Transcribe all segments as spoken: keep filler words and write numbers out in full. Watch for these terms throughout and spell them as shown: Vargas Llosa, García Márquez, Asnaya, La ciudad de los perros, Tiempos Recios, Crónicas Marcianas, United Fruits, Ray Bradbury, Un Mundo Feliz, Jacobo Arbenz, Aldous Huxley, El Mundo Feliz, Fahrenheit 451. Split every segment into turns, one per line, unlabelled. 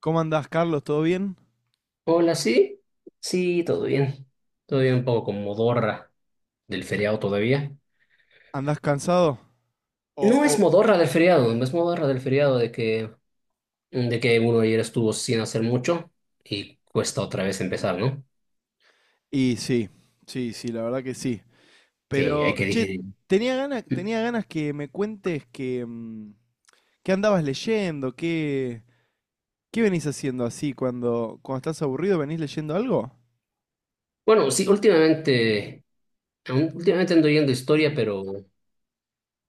¿Cómo andás, Carlos? ¿Todo bien?
Hola, sí. Sí, todo bien. Todo bien, un poco con modorra del feriado todavía.
¿Andás cansado? O,
No es
o-
modorra del feriado, no es modorra del feriado de que, de que uno ayer estuvo sin hacer mucho y cuesta otra vez empezar, ¿no?
y sí, sí, sí, la verdad que sí.
Sí, hay
Pero,
que
che,
digerir.
tenía ganas, tenía ganas que me cuentes que, mm, qué andabas leyendo, qué, qué venís haciendo así cuando, cuando estás aburrido, ¿venís leyendo algo?
Bueno, sí, últimamente, aún- últimamente ando yendo historia, pero,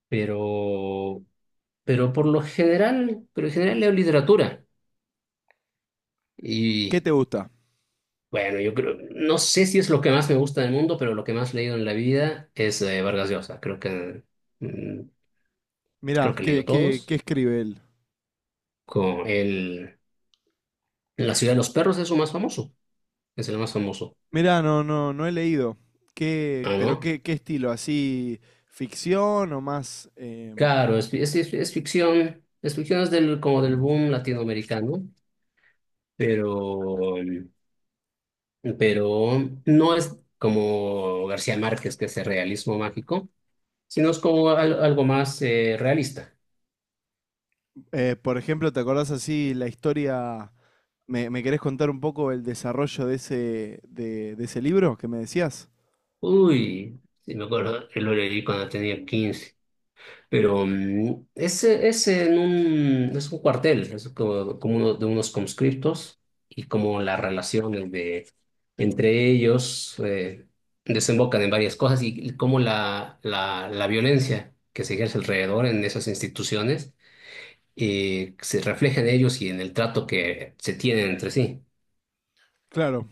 pero, pero por lo general, pero en general leo literatura.
¿Qué te gusta?
Bueno, yo creo, no sé si es lo que más me gusta del mundo, pero lo que más he leído en la vida es eh, Vargas Llosa. Creo que, mm, creo
Mirá,
que he
¿qué,
leído
qué, qué
todos.
escribe él?
Con el, La ciudad de los perros es su más famoso. Es el más famoso.
Mirá, no, no, no he leído. ¿Qué,
Ah,
pero
¿no?
qué, qué estilo? ¿Así ficción o más em,
Claro, es, es, es- es ficción. Es ficción, es del, como del boom latinoamericano, pero, pero no es como García Márquez, que es el realismo mágico, sino es como al- algo más eh, realista.
eh, por ejemplo, ¿te acordás así la historia? ¿Me, me querés contar un poco el desarrollo de ese, de, de ese libro que me decías?
Uy, sí me acuerdo, yo lo leí cuando tenía quince. Pero mm, ese es en un, es un cuartel, es como, como uno de unos conscriptos y como las relaciones de, entre ellos eh, desembocan en varias cosas y como la, la, la violencia que se ejerce alrededor en esas instituciones, eh, se refleja en ellos y en el trato que se tienen entre sí.
Claro.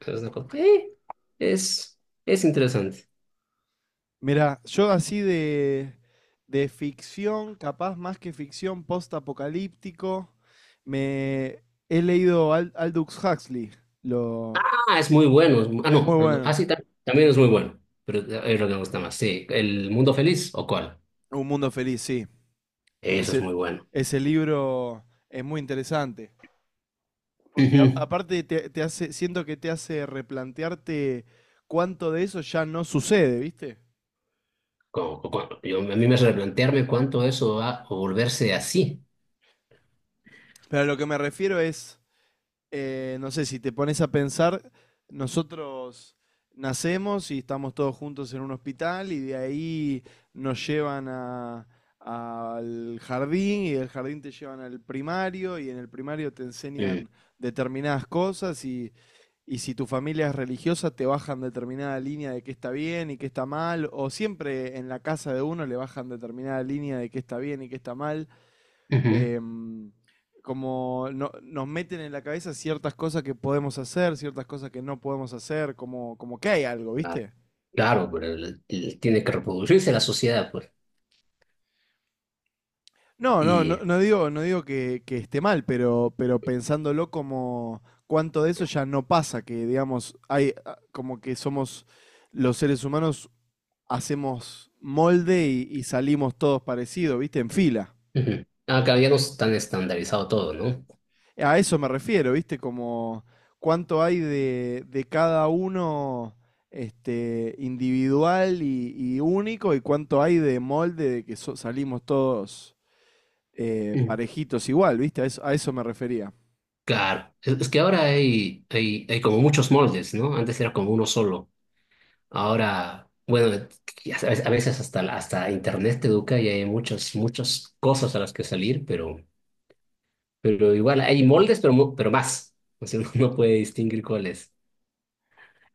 Es, una cosa- eh, es, es interesante.
Mira, yo así de, de ficción, capaz más que ficción post-apocalíptico, me he leído Al- Aldous Huxley, lo,
Ah, es muy bueno. es mu- Ah, no.
muy
Ah,
bueno.
sí, también es muy bueno. Pero eh, es lo que me gusta más. Sí, ¿El Mundo Feliz o cuál?
Un mundo feliz, sí.
Eso es
Ese,
muy bueno.
ese libro es muy interesante. Porque a-
Ujú.
aparte te, te hace, siento que te hace replantearte cuánto de eso ya no sucede, ¿viste?
Como- como- yo, a mí me hace replantearme cuánto eso va a volverse así.
Pero a lo que me refiero es, eh, no sé, si te pones a pensar, nosotros nacemos y estamos todos juntos en un hospital y de ahí nos llevan a- al jardín y del jardín te llevan al primario y en el primario te
Mm.
enseñan determinadas cosas y, y si tu familia es religiosa te bajan determinada línea de qué está bien y qué está mal o siempre en la casa de uno le bajan determinada línea de qué está bien y qué está mal,
Ujú.
eh, como no- nos meten en la cabeza ciertas cosas que podemos hacer, ciertas cosas que no podemos hacer, como, como que hay algo,
Claro,
¿viste?
claro, pero el- el- tiene que reproducirse la sociedad, pues.
No, no, no,
Y
no digo, no digo que, que esté mal, pero, pero pensándolo como cuánto de eso ya no pasa, que digamos, hay ah, como que somos los seres humanos, hacemos molde y, y salimos todos parecidos, ¿viste? En fila.
ujú. Ah, claro, ya no es tan estandarizado todo, ¿no?
A eso me refiero, ¿viste? Como cuánto hay de, de cada uno este, individual y, y único y cuánto hay de molde de que so- salimos todos eh,
Mm.
parejitos igual, ¿viste? A eso, a eso me refería.
Claro, es, es que ahora hay, hay, hay como muchos moldes, ¿no? Antes era como uno solo. Ahora, bueno, a veces a veces hasta, la- hasta Internet te educa y hay muchas, muchas cosas a las que salir, pero, pero igual hay moldes, pero, mu- pero más. O sea, uno no puede distinguir cuál es,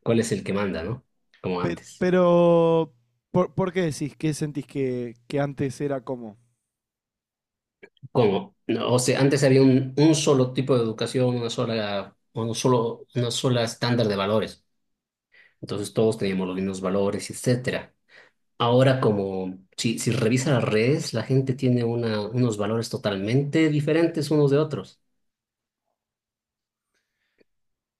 cuál es el que manda, ¿no? Como
Pe-
antes.
Pero, ¿por, por qué decís? ¿Qué sentís que, que antes era como?
Como, no, o sea, antes había un, un solo tipo de educación, una sola, un solo, una sola estándar de valores. Entonces todos teníamos los mismos valores, etcétera. Ahora, como si, si revisa las redes, la gente tiene una, unos valores totalmente diferentes unos de otros.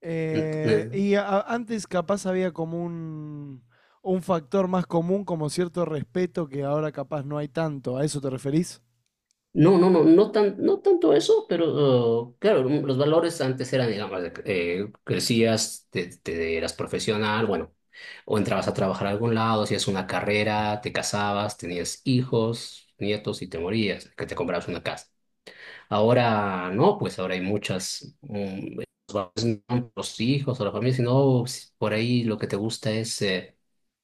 Eh,
Eh,
y a- antes capaz había como un, un factor más común, como cierto respeto que ahora capaz no hay tanto. ¿A eso te referís?
No, no, no, no tan, no tanto eso, pero uh, claro, mm, los valores antes eran, digamos, de que, eh, crecías, te, te eras profesional, bueno, o entrabas a trabajar a algún lado, hacías una carrera, te casabas, tenías hijos, nietos y te morías, que te comprabas una casa. Ahora no, pues ahora hay muchas, mm, los valores no son los hijos o la familia, sino si por ahí lo que te gusta es eh,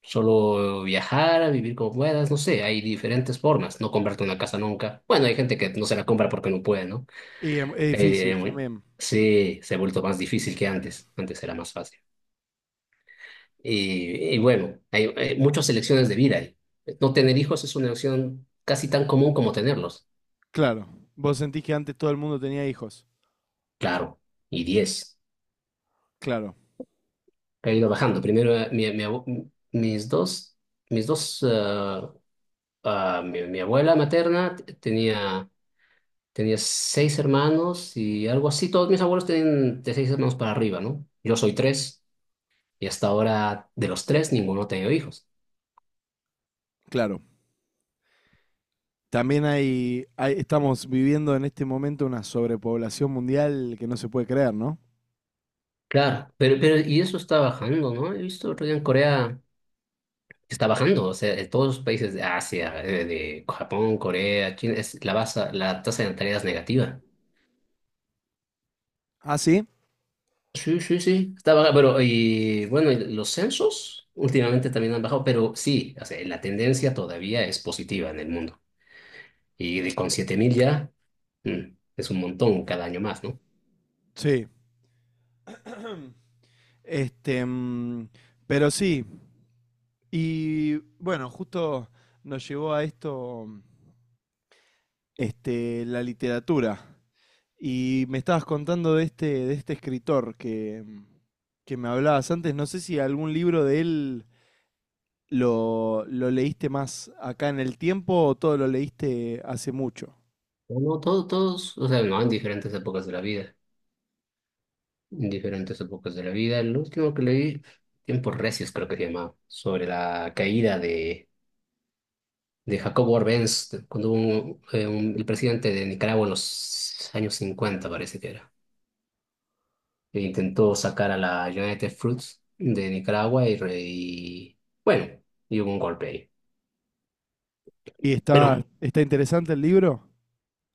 solo viajar, vivir como puedas, no sé, hay diferentes formas, no comprarte una casa nunca. Bueno, hay gente que no se la compra porque no puede, ¿no?
Y em- es
Eh,
difícil
bueno,
también.
sí, se ha vuelto más difícil que antes, antes era más fácil. Y, y bueno, hay, hay muchas elecciones de vida ahí. No tener hijos es una elección casi tan común como tenerlos,
Claro. Vos sentís que antes todo el mundo tenía hijos.
claro, y diez.
Claro,
He ido bajando. Primero, eh, mi- mi abu- mis dos, mis dos, eh, ah, mi, mi abuela materna t- tenía, tenía seis hermanos y algo así. Todos mis abuelos tienen de seis hermanos para arriba, ¿no? Yo soy tres y hasta ahora de los tres ninguno ha tenido hijos.
claro. También hay, hay- estamos viviendo en este momento una sobrepoblación mundial que no se puede creer, ¿no?
Claro, pero, pero y eso está bajando, ¿no? He visto otro día en Corea que está bajando, o sea, en todos los países de Asia, eh, de Japón, Corea, China, es la, basa- la tasa de natalidad es negativa.
¿Ah, sí?
Sí, sí, sí, está baja, pero y bueno, y los censos últimamente también han bajado, pero sí, o sea, la tendencia todavía es positiva en el mundo. Y de- con siete mil ya mm, es un montón cada año más, ¿no?
Sí. Este, mm, pero sí. Y bueno, justo nos llevó a esto, mm, este, la literatura. Y me estabas contando de este, de este escritor que, mm, que me hablabas antes. No sé si algún libro de él lo, ¿lo leíste más acá en el tiempo o todo lo leíste hace mucho?
No, todos, todos, o sea, no, en diferentes épocas de la vida, en diferentes épocas de la vida. El último que leí, Tiempos Recios creo que se llamaba, sobre la caída de, de Jacobo Arbenz, cuando hubo un- eh, un- el presidente de Nicaragua en los años cincuenta parece que era. E intentó sacar a la United Fruits de Nicaragua y, re- y, bueno, y hubo un golpe ahí.
¿Y
Pero,
está, está interesante el libro?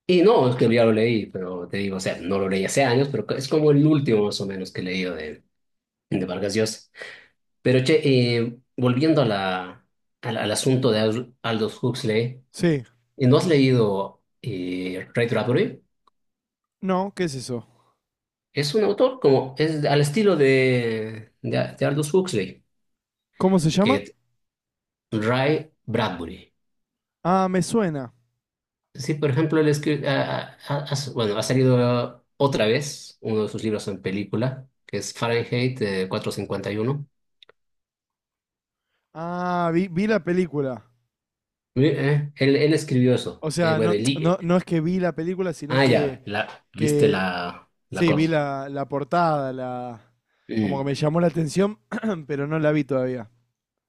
y no, es que ya lo leí, pero te digo, o sea, no lo leí hace años, pero es como el último más o menos que he leído de, de Vargas Llosa. Pero che, eh, volviendo a la, al, al asunto de Al- Aldous Huxley,
Sí.
¿y ¿no has leído eh, Ray Bradbury?
No, ¿qué es eso?
Es un autor como, es al estilo de, de, de Aldous Huxley,
¿Cómo se llama?
que Ray Bradbury.
Ah, me suena.
Sí, por ejemplo, él escri- ha, ha- ha- bueno, ha salido otra vez uno de sus libros en película, que es Fahrenheit eh, cuatrocientos cincuenta y uno.
Ah, vi, vi la película.
Mi- eh, él, él escribió eso.
O
Eh,
sea,
bueno,
no,
el
no,
li-
no es que vi la película, sino
ah, ya,
que,
la, viste
que
la, la
sí, vi
cosa.
la, la portada, la, como que
Mm.
me llamó la atención, pero no la vi todavía.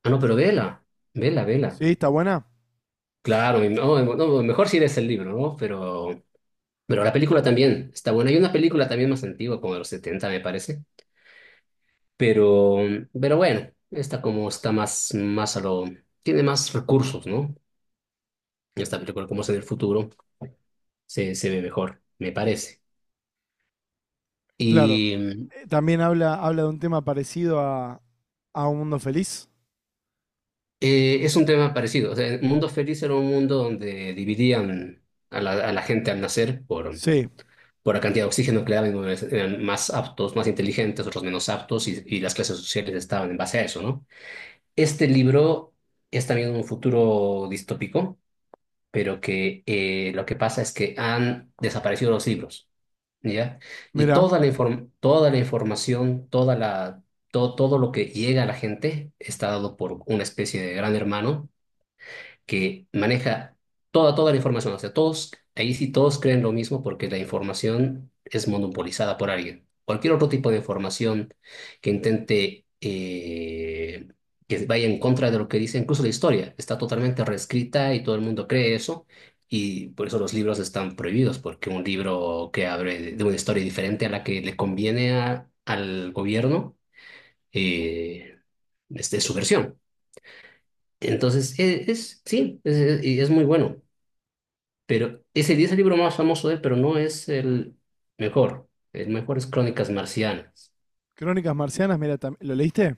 Ah, no, pero vela, vela, vela.
¿Sí? ¿Está buena?
Claro, y no, no, no, mejor si lees el libro, ¿no? Pero, pero la película también está buena. Hay una película también más antigua, como de los setenta me parece. Pero, pero bueno, esta como está más, más a lo... Tiene más recursos, ¿no? Y esta película como es en el futuro, se, se ve mejor, me parece.
Claro.
Y mm,
Eh, también habla, habla de un tema parecido a, a Un Mundo Feliz.
eh, es un tema parecido. O sea, el mundo feliz era un mundo donde dividían a la, a la gente al nacer por,
Sí.
por la cantidad de oxígeno que le daban, unos eran más aptos, más inteligentes, otros menos aptos, y, y las clases sociales estaban en base a eso, ¿no? Este libro es también un futuro distópico, pero que eh, lo que pasa es que han desaparecido los libros. ¿Ya? Y
Mira,
toda la inform- toda la información, toda la, to- todo lo que llega a la gente está dado por una especie de gran hermano que maneja toda, toda la información. O sea, todos, ahí sí todos creen lo mismo porque la información es monopolizada por alguien. Cualquier otro tipo de información que intente, eh, que vaya en contra de lo que dice, incluso la historia, está totalmente reescrita y todo el mundo cree eso. Y por eso los libros están prohibidos, porque un libro que abre de de una historia diferente a la que le conviene a- al gobierno, eh, este, es su versión. Entonces, e- es, sí, es, es- y es muy bueno. Pero ese es el libro más famoso de él, pero no es el mejor. El mejor es Crónicas Marcianas.
Crónicas Marcianas, mira, tam- ¿lo leíste?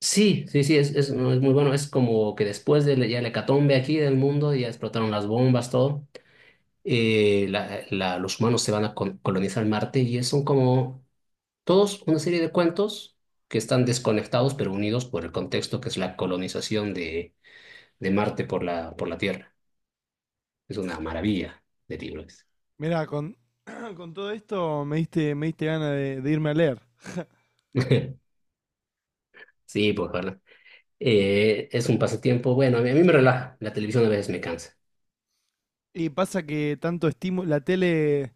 Sí, sí, sí, es, es, no, es muy bueno. Es como que después de la- ya la hecatombe aquí del mundo, ya explotaron las bombas, todo. Eh, la- la- los humanos se van a col- colonizar Marte y son como todos una serie de cuentos que están desconectados pero unidos por el contexto que es la colonización de, de Marte por la, por la Tierra. Es una maravilla de libros.
Mira, con, con todo esto me diste, me diste ganas de, de irme a leer.
Sí, pues, Eh, es un pasatiempo, bueno, a mí, a mí me relaja, la televisión a veces me cansa.
Y pasa que tanto estímulo, la tele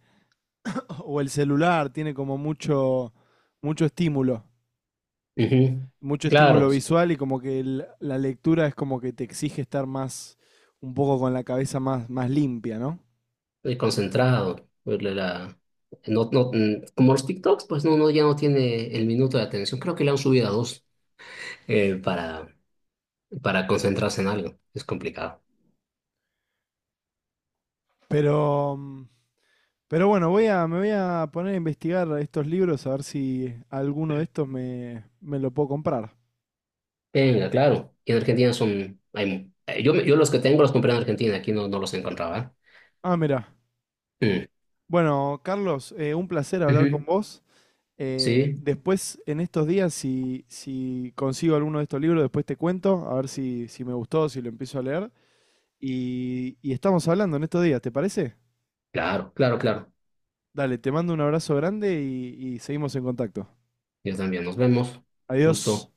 o el celular tiene como mucho, mucho estímulo,
Ujú.
mucho
Claro,
estímulo
estoy
visual y como que el- la lectura es como que te exige estar más, un poco con la cabeza más, más limpia, ¿no?
concentrado, pues. La, la- no, no, mm, Como los TikToks, pues no, no, ya no tiene el minuto de atención. Creo que le han subido a dos eh, para, para concentrarse en algo. Es complicado.
Pero, mm, pero bueno, voy a, me voy a poner a investigar estos libros a ver si alguno de estos me, me lo puedo comprar.
Venga, claro. Y en Argentina son... Hay, eh, yo, yo los que tengo los compré en Argentina, aquí no, no los encontraba.
Ah, mira.
¿Eh?
Bueno, Carlos, eh, un placer
Mm.
hablar con
Ujú.
vos. Eh,
Sí,
después, en estos días, si, si consigo alguno de estos libros, después te cuento, a ver si, si me gustó, si lo empiezo a leer. Y, y estamos hablando en estos días, ¿te parece?
claro, claro, claro.
Dale, te mando un abrazo grande y y seguimos en contacto.
Yo también. Nos vemos.
Adiós.
Gusto.